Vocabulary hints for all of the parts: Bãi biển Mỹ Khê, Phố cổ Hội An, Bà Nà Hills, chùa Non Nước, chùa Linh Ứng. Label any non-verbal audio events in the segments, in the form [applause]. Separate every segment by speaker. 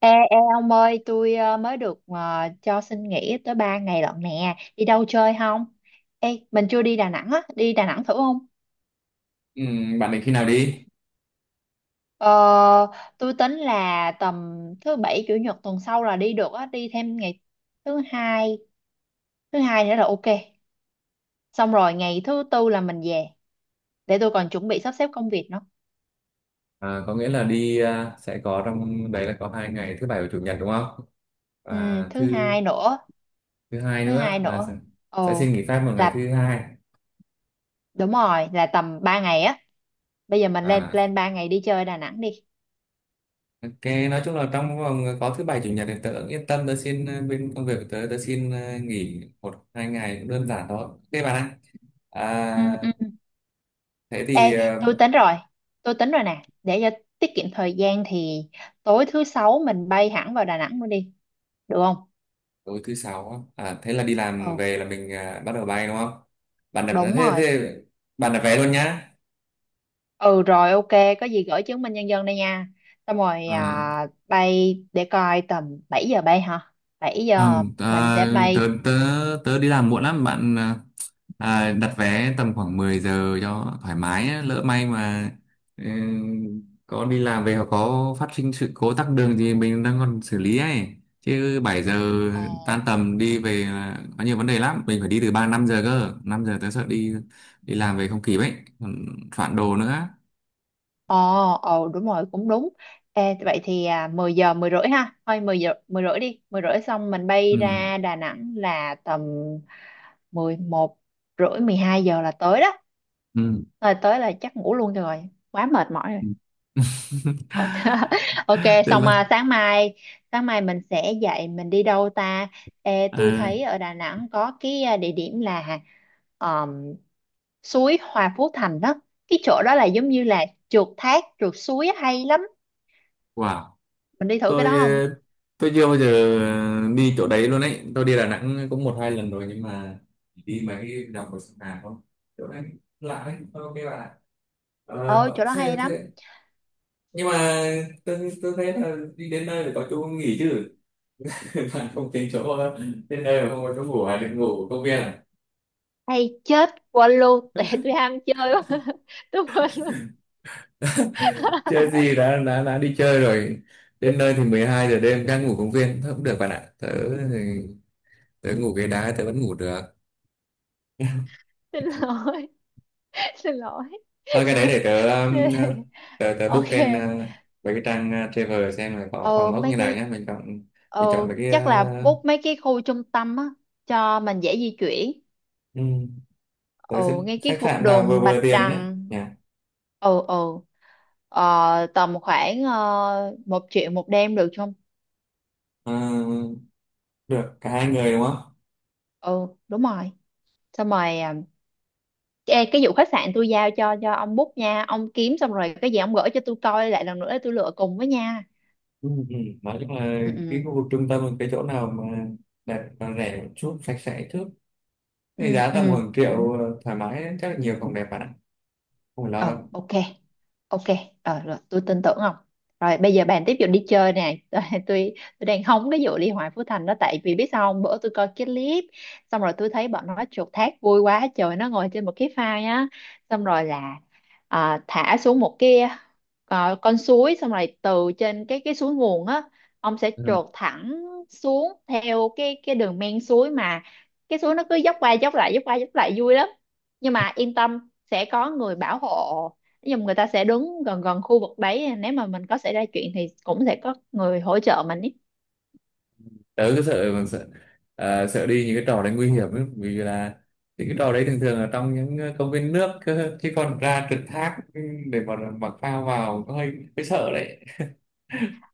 Speaker 1: Ê, ê ông ơi, tôi mới được cho xin nghỉ tới 3 ngày lận nè. Đi đâu chơi không? Ê, mình chưa đi Đà Nẵng á, đi Đà Nẵng thử không?
Speaker 2: Ừ, bạn định khi nào đi?
Speaker 1: Ờ, tôi tính là tầm thứ bảy chủ nhật tuần sau là đi được á, đi thêm ngày thứ hai, nữa là ok. Xong rồi ngày thứ tư là mình về, để tôi còn chuẩn bị sắp xếp công việc nữa.
Speaker 2: À, có nghĩa là đi, sẽ có trong đấy là có 2 ngày thứ bảy và chủ nhật đúng không?
Speaker 1: Ừ,
Speaker 2: Và
Speaker 1: thứ
Speaker 2: thứ
Speaker 1: hai nữa,
Speaker 2: thứ hai
Speaker 1: thứ hai
Speaker 2: nữa là sẽ
Speaker 1: nữa.
Speaker 2: sẽ xin
Speaker 1: Ồ,
Speaker 2: nghỉ phép một ngày thứ
Speaker 1: là
Speaker 2: hai.
Speaker 1: đúng rồi, là tầm 3 ngày á. Bây giờ mình lên
Speaker 2: À,
Speaker 1: plan 3 ngày đi chơi Đà Nẵng đi.
Speaker 2: ok, nói chung là trong vòng có thứ bảy chủ nhật thì tớ yên tâm tớ xin bên công việc của tớ tớ xin nghỉ 1 2 ngày cũng đơn giản thôi. Ok bạn ạ.
Speaker 1: Ừ,
Speaker 2: À,
Speaker 1: ừ.
Speaker 2: thế thì
Speaker 1: Ê, tôi tính rồi, tôi tính rồi nè, để cho tiết kiệm thời gian thì tối thứ sáu mình bay hẳn vào Đà Nẵng luôn đi, được không?
Speaker 2: tối thứ sáu á. Thế là đi làm
Speaker 1: Ừ,
Speaker 2: về là mình bắt đầu bay đúng không? Bạn đặt
Speaker 1: đúng
Speaker 2: thế
Speaker 1: rồi.
Speaker 2: thế bạn đặt vé luôn nhá.
Speaker 1: Ừ rồi, ok, có gì gửi chứng minh nhân dân đây nha. Xong rồi
Speaker 2: À.
Speaker 1: bay để coi tầm 7 giờ bay hả? 7 giờ
Speaker 2: Không,
Speaker 1: mình sẽ
Speaker 2: tớ,
Speaker 1: bay.
Speaker 2: tớ, tớ đi làm muộn lắm bạn à, đặt vé tầm khoảng 10 giờ cho thoải mái á. Lỡ may mà ừ, có đi làm về hoặc có phát sinh sự cố tắc đường thì mình đang còn xử lý ấy chứ 7 giờ tan
Speaker 1: Ồ,
Speaker 2: tầm đi về là có nhiều vấn đề lắm mình phải đi từ 3 5 giờ cơ 5 giờ tớ sợ đi đi làm về không kịp ấy còn soạn đồ nữa.
Speaker 1: Ồ, ồ đúng rồi, cũng đúng. Ê, vậy thì 10 giờ 10 rưỡi ha. Thôi 10 giờ 10 rưỡi đi, 10 rưỡi xong mình bay
Speaker 2: Ừ,
Speaker 1: ra Đà Nẵng là tầm 11 rưỡi 12 giờ là tới đó.
Speaker 2: ừ.
Speaker 1: Rồi tới là chắc ngủ luôn cho rồi, quá mệt mỏi rồi.
Speaker 2: Ừ. [laughs]
Speaker 1: Ok, [laughs] ok
Speaker 2: Thế
Speaker 1: xong
Speaker 2: mà
Speaker 1: sáng mai mình sẽ dậy mình đi đâu ta? Ê, tôi
Speaker 2: ờ,
Speaker 1: thấy ở Đà Nẵng có cái địa điểm là ờm, suối Hòa Phú Thành đó. Cái chỗ đó là giống như là trượt thác, trượt suối hay lắm,
Speaker 2: wow.
Speaker 1: mình đi thử cái
Speaker 2: tôi
Speaker 1: đó không?
Speaker 2: ờ, tôi chưa bao giờ đi chỗ đấy luôn ấy, tôi đi Đà Nẵng cũng một hai lần rồi nhưng mà chỉ đi mấy cái đồng hồ sông Hàn không. Chỗ đấy lạ đấy, tôi ok là
Speaker 1: Ôi chỗ
Speaker 2: bảo
Speaker 1: đó
Speaker 2: xe
Speaker 1: hay lắm,
Speaker 2: thế. Nhưng mà tôi thấy là đi đến nơi phải có chỗ nghỉ chứ. [laughs] Bạn không tính chỗ đến nơi mà không có chỗ ngủ à, định ngủ ở công viên à?
Speaker 1: hay chết quên luôn. [laughs] Tại tôi ham chơi quá, [laughs] tôi quên luôn.
Speaker 2: Chơi
Speaker 1: [laughs]
Speaker 2: gì, đã đi chơi rồi, đến nơi thì 12 giờ đêm đang ngủ công viên thôi cũng được bạn ạ. Thì- Tớ ngủ ghế đá tớ vẫn ngủ được.
Speaker 1: Xin lỗi, [laughs] xin lỗi.
Speaker 2: Thôi cái đấy để
Speaker 1: [laughs]
Speaker 2: tớ book
Speaker 1: Ok,
Speaker 2: trên mấy cái trang travel xem là có phòng
Speaker 1: ờ,
Speaker 2: ốc
Speaker 1: mấy
Speaker 2: như nào
Speaker 1: cái
Speaker 2: nhé. Mình chọn
Speaker 1: ờ,
Speaker 2: mấy cái
Speaker 1: chắc là bút mấy cái khu trung tâm á cho mình dễ di chuyển,
Speaker 2: ừm, tớ
Speaker 1: ờ,
Speaker 2: sẽ
Speaker 1: ngay cái
Speaker 2: khách
Speaker 1: khu
Speaker 2: sạn nào vừa
Speaker 1: đường
Speaker 2: vừa
Speaker 1: Bạch
Speaker 2: tiền nhé.
Speaker 1: Đằng.
Speaker 2: Nhỉ?
Speaker 1: Ừ, ừ, tầm khoảng 1 triệu một đêm được không?
Speaker 2: Ờ, được cả hai người đúng không?
Speaker 1: Ừ đúng rồi, xong rồi à. Ê, cái vụ khách sạn tôi giao cho ông book nha, ông kiếm xong rồi cái gì ông gửi cho tôi coi lại lần nữa để tôi lựa cùng với nha.
Speaker 2: Ừ. Ừ. Nói chung là cái
Speaker 1: Ừ
Speaker 2: khu vực trung tâm là cái chỗ nào mà đẹp và rẻ một chút, sạch sẽ trước.
Speaker 1: ừ
Speaker 2: Cái giá tầm
Speaker 1: ừ
Speaker 2: khoảng
Speaker 1: ừ.
Speaker 2: triệu thoải mái, chắc là nhiều phòng đẹp bạn ạ. Không phải
Speaker 1: Ồ,
Speaker 2: lo
Speaker 1: ok. Ok, ờ, rồi tôi tin tưởng không? Rồi bây giờ bàn tiếp vụ đi chơi nè. [laughs] Tôi tôi đang hóng cái vụ Liên Hoan Phú Thành đó, tại vì biết sao không? Bữa tôi coi cái clip xong rồi tôi thấy bọn nó chuột thác vui quá trời, nó ngồi trên một cái phao á. Xong rồi là thả xuống một cái con suối, xong rồi từ trên cái suối nguồn á, ông sẽ
Speaker 2: đâu.
Speaker 1: chuột thẳng xuống theo cái đường men suối, mà cái suối nó cứ dốc qua dốc lại dốc qua dốc lại vui lắm. Nhưng mà yên tâm, sẽ có người bảo hộ, nhưng người ta sẽ đứng gần gần khu vực đấy, nếu mà mình có xảy ra chuyện thì cũng sẽ có người hỗ trợ mình ý.
Speaker 2: Tớ cứ sợ bằng sợ, sợ đi những cái trò đấy nguy hiểm ấy, vì là những cái trò đấy thường thường là trong những công viên nước cơ, chứ còn ra trượt thác để mà mặc phao vào có hơi hơi sợ đấy.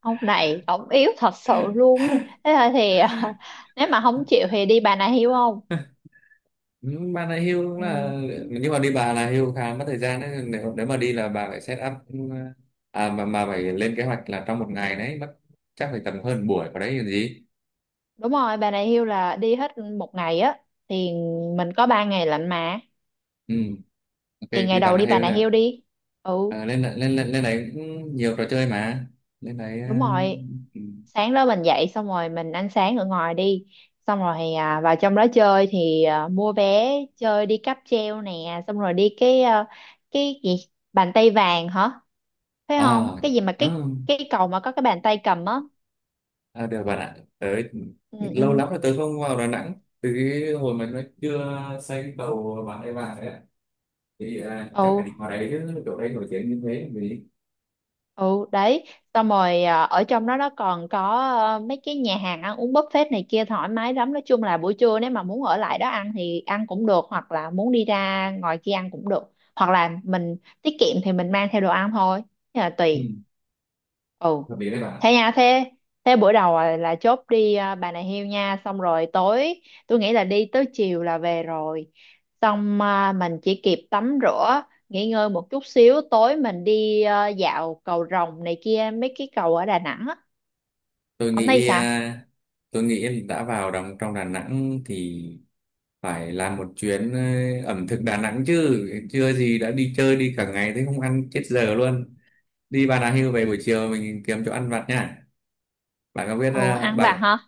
Speaker 1: Ông này ông yếu thật sự luôn ấy, thế là thì [laughs] nếu mà không chịu thì đi bà này hiêu không?
Speaker 2: [laughs] Ừ, bà này hưu cũng
Speaker 1: Ừ,
Speaker 2: là, nhưng mà đi bà là hưu khá mất thời gian đấy, nếu nếu mà đi là bà phải set up à mà phải lên kế hoạch là trong một ngày đấy mất chắc phải tầm hơn buổi vào đấy làm gì.
Speaker 1: đúng rồi, bà này hiêu là đi hết 1 ngày á, thì mình có 3 ngày lạnh mà.
Speaker 2: Ừ. Ok
Speaker 1: Thì
Speaker 2: đi
Speaker 1: ngày
Speaker 2: bà
Speaker 1: đầu
Speaker 2: là
Speaker 1: đi bà
Speaker 2: hưu
Speaker 1: này
Speaker 2: nè.
Speaker 1: hiêu đi. Ừ
Speaker 2: Lên lên lên lên này cũng nhiều trò chơi mà, lên đấy
Speaker 1: đúng rồi,
Speaker 2: ừ.
Speaker 1: sáng đó mình dậy xong rồi mình ăn sáng ở ngoài đi, xong rồi vào trong đó chơi thì mua vé chơi đi cáp treo nè, xong rồi đi cái cái gì bàn tay vàng hả? Phải không,
Speaker 2: À,
Speaker 1: cái gì mà cái
Speaker 2: ừ,
Speaker 1: cái cầu mà có cái bàn tay cầm á.
Speaker 2: à, được bạn ạ. Tới
Speaker 1: Ừ ừ
Speaker 2: lâu lắm rồi tớ không vào Đà Nẵng. Từ cái hồi mà nó chưa xây cầu bà ấy vào đấy ạ. Thì chắc phải đi
Speaker 1: ừ
Speaker 2: vào đấy chứ, chỗ đấy nổi tiếng như thế vì
Speaker 1: ừ đấy. Xong rồi ở trong đó nó còn có mấy cái nhà hàng ăn uống buffet này kia thoải mái lắm, nói chung là buổi trưa nếu mà muốn ở lại đó ăn thì ăn cũng được, hoặc là muốn đi ra ngoài kia ăn cũng được, hoặc là mình tiết kiệm thì mình mang theo đồ ăn thôi, thế là
Speaker 2: ừ.
Speaker 1: tùy. Ừ,
Speaker 2: Hợp lý đấy bạn ạ.
Speaker 1: thế nha, thế thế bữa đầu là chốt đi Bà Nà Hills nha, xong rồi tối tôi nghĩ là đi tới chiều là về rồi, xong mình chỉ kịp tắm rửa nghỉ ngơi một chút xíu, tối mình đi dạo cầu Rồng này kia mấy cái cầu ở Đà Nẵng á.
Speaker 2: Tôi
Speaker 1: Hôm nay
Speaker 2: nghĩ
Speaker 1: sao?
Speaker 2: à, tôi nghĩ em đã vào đồng trong Đà Nẵng thì phải làm một chuyến ẩm thực Đà Nẵng chứ. Chưa gì đã đi chơi đi cả ngày thế không ăn chết giờ luôn. Đi Bà Nà Hills về buổi chiều mình kiếm chỗ ăn vặt nha. Bạn có biết
Speaker 1: Ồ ăn vặt
Speaker 2: uh,
Speaker 1: hả?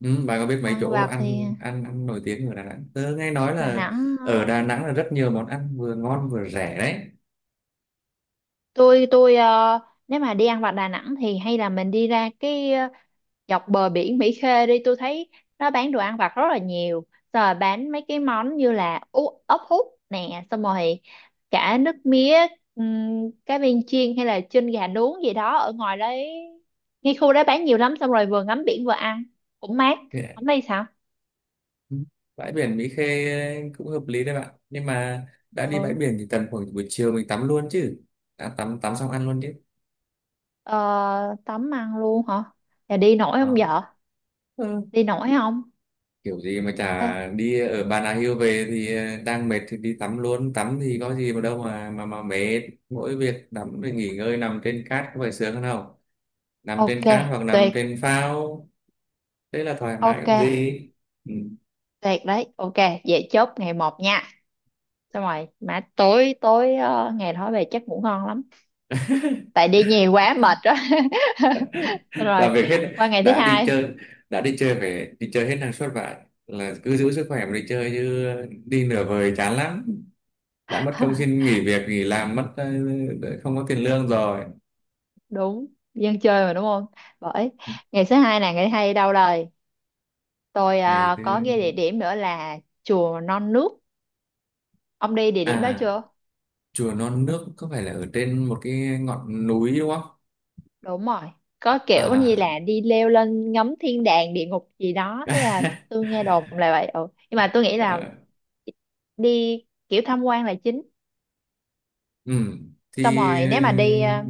Speaker 2: Ừ, bà có biết mấy
Speaker 1: Ăn
Speaker 2: chỗ
Speaker 1: vặt thì
Speaker 2: ăn ăn ăn nổi tiếng ở Đà Nẵng? Tớ nghe nói
Speaker 1: Đà
Speaker 2: là
Speaker 1: Nẵng
Speaker 2: ở
Speaker 1: ờ,
Speaker 2: Đà Nẵng là rất nhiều món ăn vừa ngon vừa rẻ đấy.
Speaker 1: tôi nếu mà đi ăn vặt Đà Nẵng thì hay là mình đi ra cái dọc bờ biển Mỹ Khê đi, tôi thấy nó bán đồ ăn vặt rất là nhiều, rồi bán mấy cái món như là ốc hút nè, xong rồi cả nước mía, cá viên chiên hay là chân gà nướng gì đó ở ngoài đấy, ngay khu đó bán nhiều lắm, xong rồi vừa ngắm biển vừa ăn cũng mát. Không
Speaker 2: Thì-
Speaker 1: đây sao?
Speaker 2: ừ, Bãi biển Mỹ Khê cũng hợp lý đấy bạn. Nhưng mà đã đi bãi
Speaker 1: Ừ,
Speaker 2: biển thì tầm khoảng buổi chiều mình tắm luôn chứ. Đã tắm tắm xong ăn luôn chứ.
Speaker 1: ờ, tắm ăn luôn hả? Là đi nổi không
Speaker 2: Đó.
Speaker 1: vợ?
Speaker 2: Ừ.
Speaker 1: Đi nổi không?
Speaker 2: Kiểu gì mà
Speaker 1: Ê,
Speaker 2: chả đi, ở Bà Nà Hills về thì đang mệt thì đi tắm luôn. Tắm thì có gì mà đâu mà mệt. Mỗi việc tắm rồi nghỉ ngơi nằm trên cát có phải sướng hơn không? Nằm
Speaker 1: ok,
Speaker 2: trên cát hoặc nằm
Speaker 1: tuyệt.
Speaker 2: trên phao thế là thoải mái
Speaker 1: Ok,
Speaker 2: làm gì. Ừ.
Speaker 1: tuyệt đấy, ok, vậy chốt ngày một nha. Xong rồi mà tối tối ngày đó về chắc ngủ ngon lắm tại đi nhiều quá mệt đó. [laughs] Xong rồi
Speaker 2: Làm việc hết.
Speaker 1: qua ngày thứ
Speaker 2: đã đi chơi
Speaker 1: hai.
Speaker 2: đã đi chơi phải đi chơi hết năng suất vậy, là cứ giữ sức khỏe mà đi chơi chứ đi nửa vời chán lắm, đã mất công
Speaker 1: [laughs]
Speaker 2: xin nghỉ việc nghỉ làm mất không có tiền lương rồi.
Speaker 1: Đúng, dân chơi mà đúng không? Bởi ngày thứ hai là ngày thứ hai đi đâu rồi? Tôi
Speaker 2: Ngày thứ
Speaker 1: có nghe địa điểm nữa là chùa Non Nước. Ông đi địa điểm đó
Speaker 2: à
Speaker 1: chưa?
Speaker 2: Chùa Non Nước có phải là ở trên một cái ngọn núi đúng không
Speaker 1: Đúng rồi. Có kiểu như là
Speaker 2: à?
Speaker 1: đi leo lên ngắm thiên đàng địa ngục gì đó. Thế à,
Speaker 2: [laughs]
Speaker 1: tôi nghe đồn là vậy. Ừ. Nhưng mà tôi nghĩ là
Speaker 2: Ờ,
Speaker 1: đi kiểu tham quan là chính.
Speaker 2: ừ thì
Speaker 1: Xong rồi nếu mà đi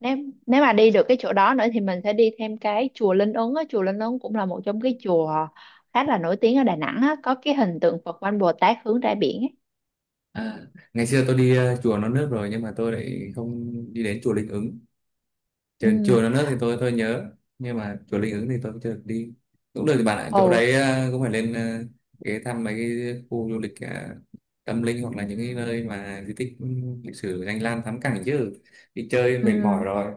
Speaker 1: nếu nếu mà đi được cái chỗ đó nữa thì mình sẽ đi thêm cái chùa Linh Ứng á. Chùa Linh Ứng cũng là một trong cái chùa khá là nổi tiếng ở Đà Nẵng á. Có cái hình tượng Phật Quan Bồ Tát hướng ra biển ấy.
Speaker 2: à, ngày xưa tôi đi chùa Non Nước rồi nhưng mà tôi lại không đi đến chùa Linh Ứng. chùa,
Speaker 1: Ừ.
Speaker 2: chùa Non Nước thì tôi nhớ, nhưng mà chùa Linh Ứng thì tôi cũng chưa được đi. Cũng được thì bạn ạ,
Speaker 1: Ồ.
Speaker 2: chỗ đấy cũng phải lên ghé thăm mấy cái khu du lịch tâm linh hoặc là những cái
Speaker 1: Ừ.
Speaker 2: nơi mà di tích lịch sử danh lam thắng cảnh chứ, đi chơi mệt
Speaker 1: Ừ,
Speaker 2: mỏi rồi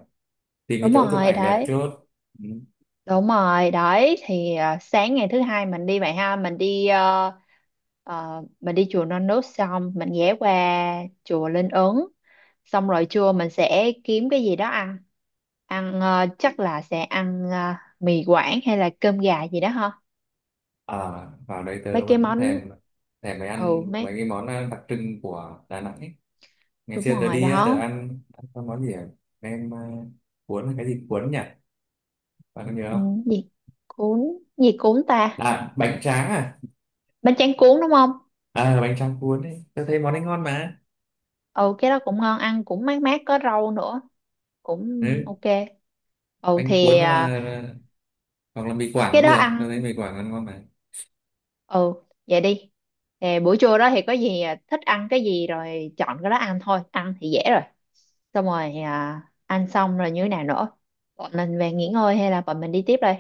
Speaker 2: tìm cái
Speaker 1: đúng
Speaker 2: chỗ chụp
Speaker 1: rồi
Speaker 2: ảnh đẹp
Speaker 1: đấy.
Speaker 2: trước. Ừ.
Speaker 1: Đúng rồi, đấy thì sáng ngày thứ hai mình đi vậy ha, mình đi mình đi chùa Non Nước xong mình ghé qua chùa Linh Ứng. Xong rồi trưa mình sẽ kiếm cái gì đó ăn. Ăn chắc là sẽ ăn mì Quảng hay là cơm gà gì đó ha.
Speaker 2: à, Vào đây
Speaker 1: Mấy
Speaker 2: tớ
Speaker 1: cái
Speaker 2: vẫn
Speaker 1: món,
Speaker 2: thèm thèm mấy ăn
Speaker 1: ừ
Speaker 2: mấy
Speaker 1: mấy,
Speaker 2: cái món đặc trưng của Đà Nẵng ấy. Ngày
Speaker 1: đúng
Speaker 2: xưa tớ
Speaker 1: rồi
Speaker 2: đi á, tớ
Speaker 1: đó.
Speaker 2: ăn ăn cái món gì nem cuốn là cái gì cuốn nhỉ, bạn có nhớ
Speaker 1: Ừ,
Speaker 2: không?
Speaker 1: gì cuốn, gì cuốn ta?
Speaker 2: À bánh tráng
Speaker 1: Bánh tráng cuốn đúng không?
Speaker 2: à bánh tráng cuốn ấy, tao thấy món ấy ngon mà.
Speaker 1: Ừ cái đó cũng ngon, ăn cũng mát mát có rau nữa, cũng
Speaker 2: Ừ.
Speaker 1: ok. Ừ
Speaker 2: Bánh cuốn
Speaker 1: thì
Speaker 2: hoặc
Speaker 1: ờ,
Speaker 2: là, mì Quảng
Speaker 1: cái
Speaker 2: cũng
Speaker 1: đó
Speaker 2: được, tao thấy
Speaker 1: ăn,
Speaker 2: mì Quảng ăn ngon mà.
Speaker 1: ừ vậy đi. Nè, buổi trưa đó thì có gì thích ăn cái gì rồi chọn cái đó ăn thôi, ăn thì dễ rồi, xong rồi ăn xong rồi như thế nào nữa, bọn mình về nghỉ ngơi hay là bọn mình đi tiếp đây?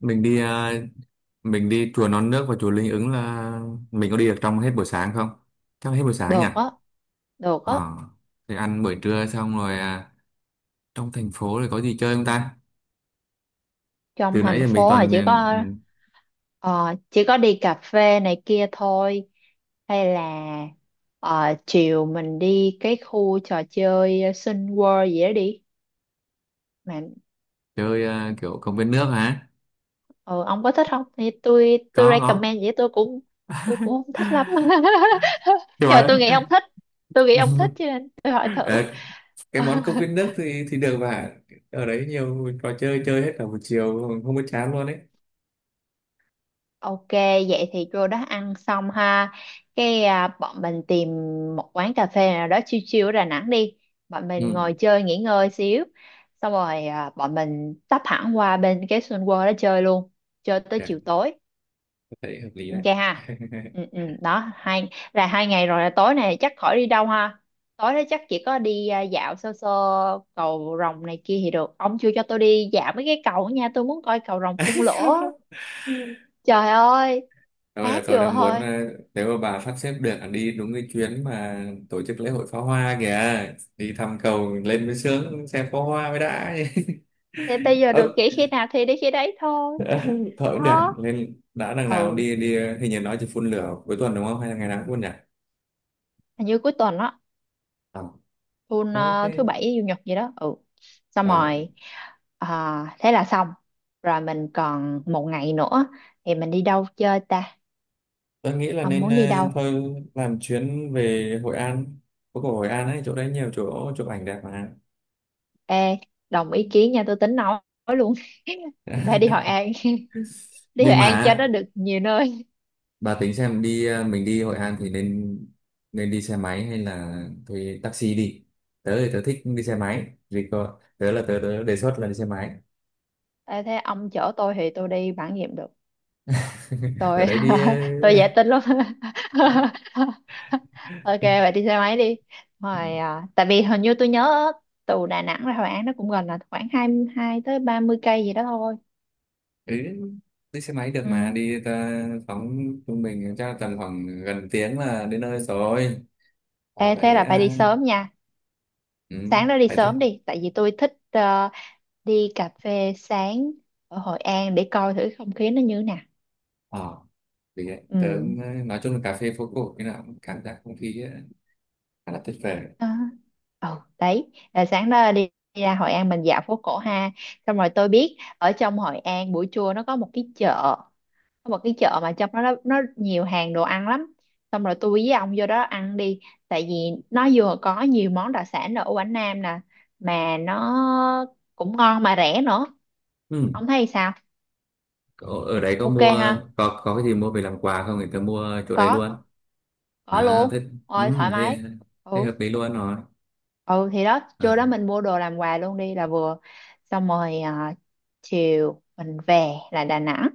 Speaker 2: Mình đi à, mình đi chùa Non Nước và chùa Linh Ứng là mình có đi được trong hết buổi sáng không, chắc là hết buổi sáng nhỉ?
Speaker 1: Được á, được á.
Speaker 2: ờ thì ăn buổi trưa xong rồi trong thành phố thì có gì chơi không ta,
Speaker 1: Trong
Speaker 2: từ nãy
Speaker 1: thành
Speaker 2: giờ mình
Speaker 1: phố là
Speaker 2: toàn
Speaker 1: chỉ có chỉ có đi cà phê này kia thôi, hay là ờ, chiều mình đi cái khu trò chơi Sun World gì đó đi, mà
Speaker 2: chơi kiểu công viên nước hả?
Speaker 1: ừ, ông có thích không thì tôi
Speaker 2: Có
Speaker 1: tôi
Speaker 2: có.
Speaker 1: recommend vậy, tôi cũng không thích lắm.
Speaker 2: [laughs]
Speaker 1: [laughs]
Speaker 2: Thì
Speaker 1: Nhưng mà tôi
Speaker 2: bảo.
Speaker 1: nghĩ ông thích, tôi nghĩ ông thích
Speaker 2: [laughs]
Speaker 1: cho nên tôi hỏi thử.
Speaker 2: Ờ, cái món cốc viên
Speaker 1: [laughs]
Speaker 2: nước thì được mà, ở đấy nhiều trò chơi chơi hết cả một chiều không có chán luôn đấy.
Speaker 1: Ok, vậy thì cô đó ăn xong ha, cái bọn mình tìm một quán cà phê nào đó chill chill ở Đà Nẵng đi, bọn mình
Speaker 2: Ừ.
Speaker 1: ngồi chơi nghỉ ngơi xíu, xong rồi bọn mình tấp hẳn qua bên cái Sun World đó chơi luôn, chơi tới
Speaker 2: Dạ,
Speaker 1: chiều tối.
Speaker 2: tôi thấy hợp lý đấy.
Speaker 1: Ok ha.
Speaker 2: [laughs]
Speaker 1: Ừ, ừ, đó hai là hai ngày rồi, là tối này chắc khỏi đi đâu ha, tối đó chắc chỉ có đi dạo sơ sơ cầu rồng này kia thì được, ông chưa cho tôi đi dạo mấy cái cầu nha, tôi muốn coi cầu rồng phun
Speaker 2: Không
Speaker 1: lửa,
Speaker 2: đâu.
Speaker 1: trời ơi
Speaker 2: Thôi là
Speaker 1: ác
Speaker 2: tôi
Speaker 1: vừa
Speaker 2: đang muốn
Speaker 1: thôi.
Speaker 2: nếu mà bà sắp xếp được là đi đúng cái chuyến mà tổ chức lễ hội pháo hoa kìa, đi thăm cầu lên mới sướng, xem pháo hoa mới đã.
Speaker 1: Thì bây
Speaker 2: [laughs]
Speaker 1: giờ
Speaker 2: Ừ.
Speaker 1: được nghỉ khi nào thì đi khi đấy thôi.
Speaker 2: [laughs] Thôi cũng được
Speaker 1: Đó,
Speaker 2: lên, đã đằng nào cũng
Speaker 1: ừ
Speaker 2: đi đi ờ, Hình như nói chỉ phun lửa cuối tuần đúng không, hay là ngày nào cũng phun nhỉ?
Speaker 1: hình như cuối tuần đó, tuần
Speaker 2: Ờ Thế
Speaker 1: thứ bảy chủ nhật gì đó ừ. Xong
Speaker 2: ờ
Speaker 1: rồi ờ, thế là xong rồi, mình còn một ngày nữa thì mình đi đâu chơi ta?
Speaker 2: tôi nghĩ là
Speaker 1: Ông
Speaker 2: nên
Speaker 1: muốn đi đâu?
Speaker 2: thôi làm chuyến về Hội An. Phố cổ Hội An ấy, chỗ đấy nhiều chỗ chụp ảnh đẹp mà.
Speaker 1: Ê, đồng ý kiến nha, tôi tính nói luôn. [laughs] Phải đi Hội
Speaker 2: [laughs]
Speaker 1: An. [laughs] Đi Hội
Speaker 2: Nhưng mà
Speaker 1: An cho nó
Speaker 2: á,
Speaker 1: được nhiều nơi.
Speaker 2: bà tính xem đi mình đi Hội An thì nên nên đi xe máy hay là thuê taxi đi? Tớ thì tớ thích đi xe máy, vì có tớ là tớ đề xuất là đi xe máy.
Speaker 1: Ê, thế ông chở tôi thì tôi đi bản nghiệm được,
Speaker 2: [laughs] Ở
Speaker 1: tôi
Speaker 2: đấy đi
Speaker 1: [laughs] tôi dễ tính lắm. [laughs] Ok vậy
Speaker 2: [laughs]
Speaker 1: đi xe máy đi. Rồi tại vì hình như tôi nhớ từ Đà Nẵng ra Hội An nó cũng gần là khoảng 22 tới 30 cây gì đó thôi.
Speaker 2: Ừ, đi xe máy được mà
Speaker 1: Ừ.
Speaker 2: đi phóng trung bình chắc tầm khoảng gần tiếng là đến nơi rồi. Vào
Speaker 1: Ê thế
Speaker 2: đấy
Speaker 1: là phải
Speaker 2: à,
Speaker 1: đi sớm nha,
Speaker 2: ừ,
Speaker 1: sáng đó đi
Speaker 2: phải thế.
Speaker 1: sớm đi tại vì tôi thích đi cà phê sáng ở Hội An để coi thử không khí nó như thế nào.
Speaker 2: Ờ. Vì vậy tớ
Speaker 1: Ừ
Speaker 2: nói chung là cà phê phố cổ cái nào cũng cảm giác không khí ấy, khá là tuyệt vời.
Speaker 1: đó. Ừ đấy là sáng đó đi, đi ra Hội An mình dạo phố cổ ha, xong rồi tôi biết ở trong Hội An buổi trưa nó có một cái chợ, có một cái chợ mà trong đó nó nhiều hàng đồ ăn lắm, xong rồi tôi với ông vô đó ăn đi, tại vì nó vừa có nhiều món đặc sản ở Quảng Nam nè mà nó cũng ngon mà rẻ nữa.
Speaker 2: Ừ.
Speaker 1: Ông thấy sao?
Speaker 2: Ở Ở đấy có
Speaker 1: Ok
Speaker 2: mua,
Speaker 1: ha,
Speaker 2: có cái gì mua về làm quà không thì tớ mua chỗ đấy
Speaker 1: có
Speaker 2: luôn.
Speaker 1: có
Speaker 2: À thế,
Speaker 1: luôn ôi thoải
Speaker 2: ừ, thế
Speaker 1: mái.
Speaker 2: thế
Speaker 1: Ừ
Speaker 2: hợp lý luôn rồi.
Speaker 1: ừ thì đó trưa
Speaker 2: à,
Speaker 1: đó mình mua đồ làm quà luôn đi là vừa, xong rồi chiều mình về là Đà Nẵng,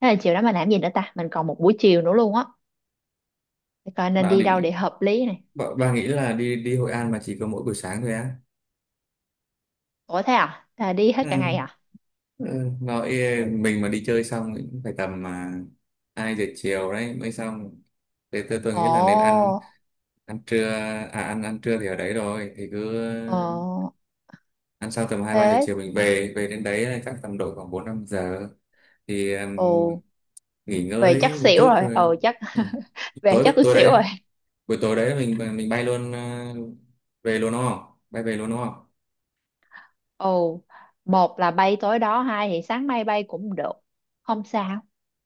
Speaker 1: thế là chiều đó mình làm gì nữa ta, mình còn một buổi chiều nữa luôn á, để coi nên
Speaker 2: bà
Speaker 1: đi đâu để
Speaker 2: định,
Speaker 1: hợp lý này.
Speaker 2: bà nghĩ là đi đi Hội An mà chỉ có mỗi buổi sáng thôi á?
Speaker 1: Ủa thế à là đi hết cả
Speaker 2: Ừ.
Speaker 1: ngày à?
Speaker 2: Ừ. Nói, mình mà đi chơi xong thì cũng phải tầm mà 2 giờ chiều đấy mới xong, thế tôi nghĩ là nên ăn
Speaker 1: Ồ,
Speaker 2: ăn trưa, à ăn ăn trưa thì ở đấy rồi thì cứ
Speaker 1: ờ
Speaker 2: ăn xong tầm hai ba giờ
Speaker 1: thế,
Speaker 2: chiều mình về, đến đấy là chắc tầm độ khoảng 4 5 giờ thì
Speaker 1: ồ
Speaker 2: nghỉ
Speaker 1: về chắc
Speaker 2: ngơi một
Speaker 1: xỉu
Speaker 2: chút
Speaker 1: rồi,
Speaker 2: rồi.
Speaker 1: ừ chắc
Speaker 2: Ừ.
Speaker 1: [laughs] về chắc
Speaker 2: tối
Speaker 1: tôi
Speaker 2: tối
Speaker 1: xỉu rồi.
Speaker 2: đấy Buổi tối đấy mình bay luôn về luôn đúng không, bay về luôn đúng không?
Speaker 1: Ồ, một là bay tối đó, hai thì sáng mai bay cũng được. Không sao.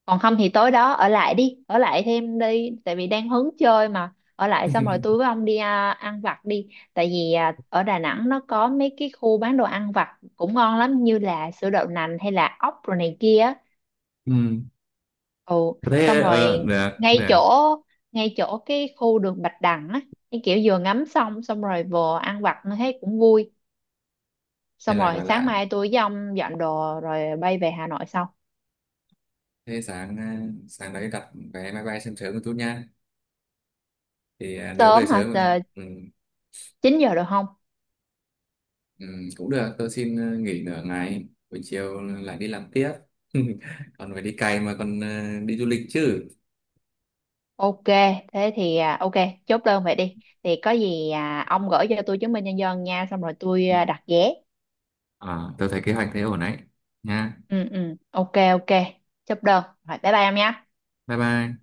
Speaker 1: Còn không thì tối đó ở lại đi, ở lại thêm đi, tại vì đang hứng chơi mà. Ở lại xong rồi tôi với
Speaker 2: [laughs]
Speaker 1: ông đi ăn vặt đi. Tại vì ở Đà Nẵng nó có mấy cái khu bán đồ ăn vặt cũng ngon lắm, như là sữa đậu nành hay là ốc rồi này kia. Á.
Speaker 2: Ừ.
Speaker 1: Ồ, xong
Speaker 2: Thế
Speaker 1: rồi
Speaker 2: được
Speaker 1: ngay
Speaker 2: được.
Speaker 1: chỗ ngay chỗ cái khu đường Bạch Đằng á, cái kiểu vừa ngắm xong xong rồi vừa ăn vặt nó thấy cũng vui,
Speaker 2: Nên
Speaker 1: xong
Speaker 2: là
Speaker 1: rồi
Speaker 2: gọi
Speaker 1: sáng
Speaker 2: là
Speaker 1: mai tôi với ông dọn đồ rồi bay về Hà Nội sau.
Speaker 2: thế, sáng đấy đặt vé máy bay sớm sớm một chút nha, thì nếu về
Speaker 1: Sớm hả
Speaker 2: sớm
Speaker 1: Tờ,
Speaker 2: ừ,
Speaker 1: 9 giờ được không?
Speaker 2: ừ, cũng được tôi xin nghỉ nửa ngày buổi chiều lại đi làm tiếp. [laughs] Còn phải đi cày mà, còn đi du lịch chứ.
Speaker 1: Ok, thế thì ok, chốt đơn vậy đi thì có gì ông gửi cho tôi chứng minh nhân dân nha, xong rồi tôi đặt vé.
Speaker 2: Ờ, tôi thấy kế hoạch thế ổn đấy. Nha.
Speaker 1: Ừ ừ ok ok, chốt đơn rồi bye bye em nhé.
Speaker 2: Bye bye.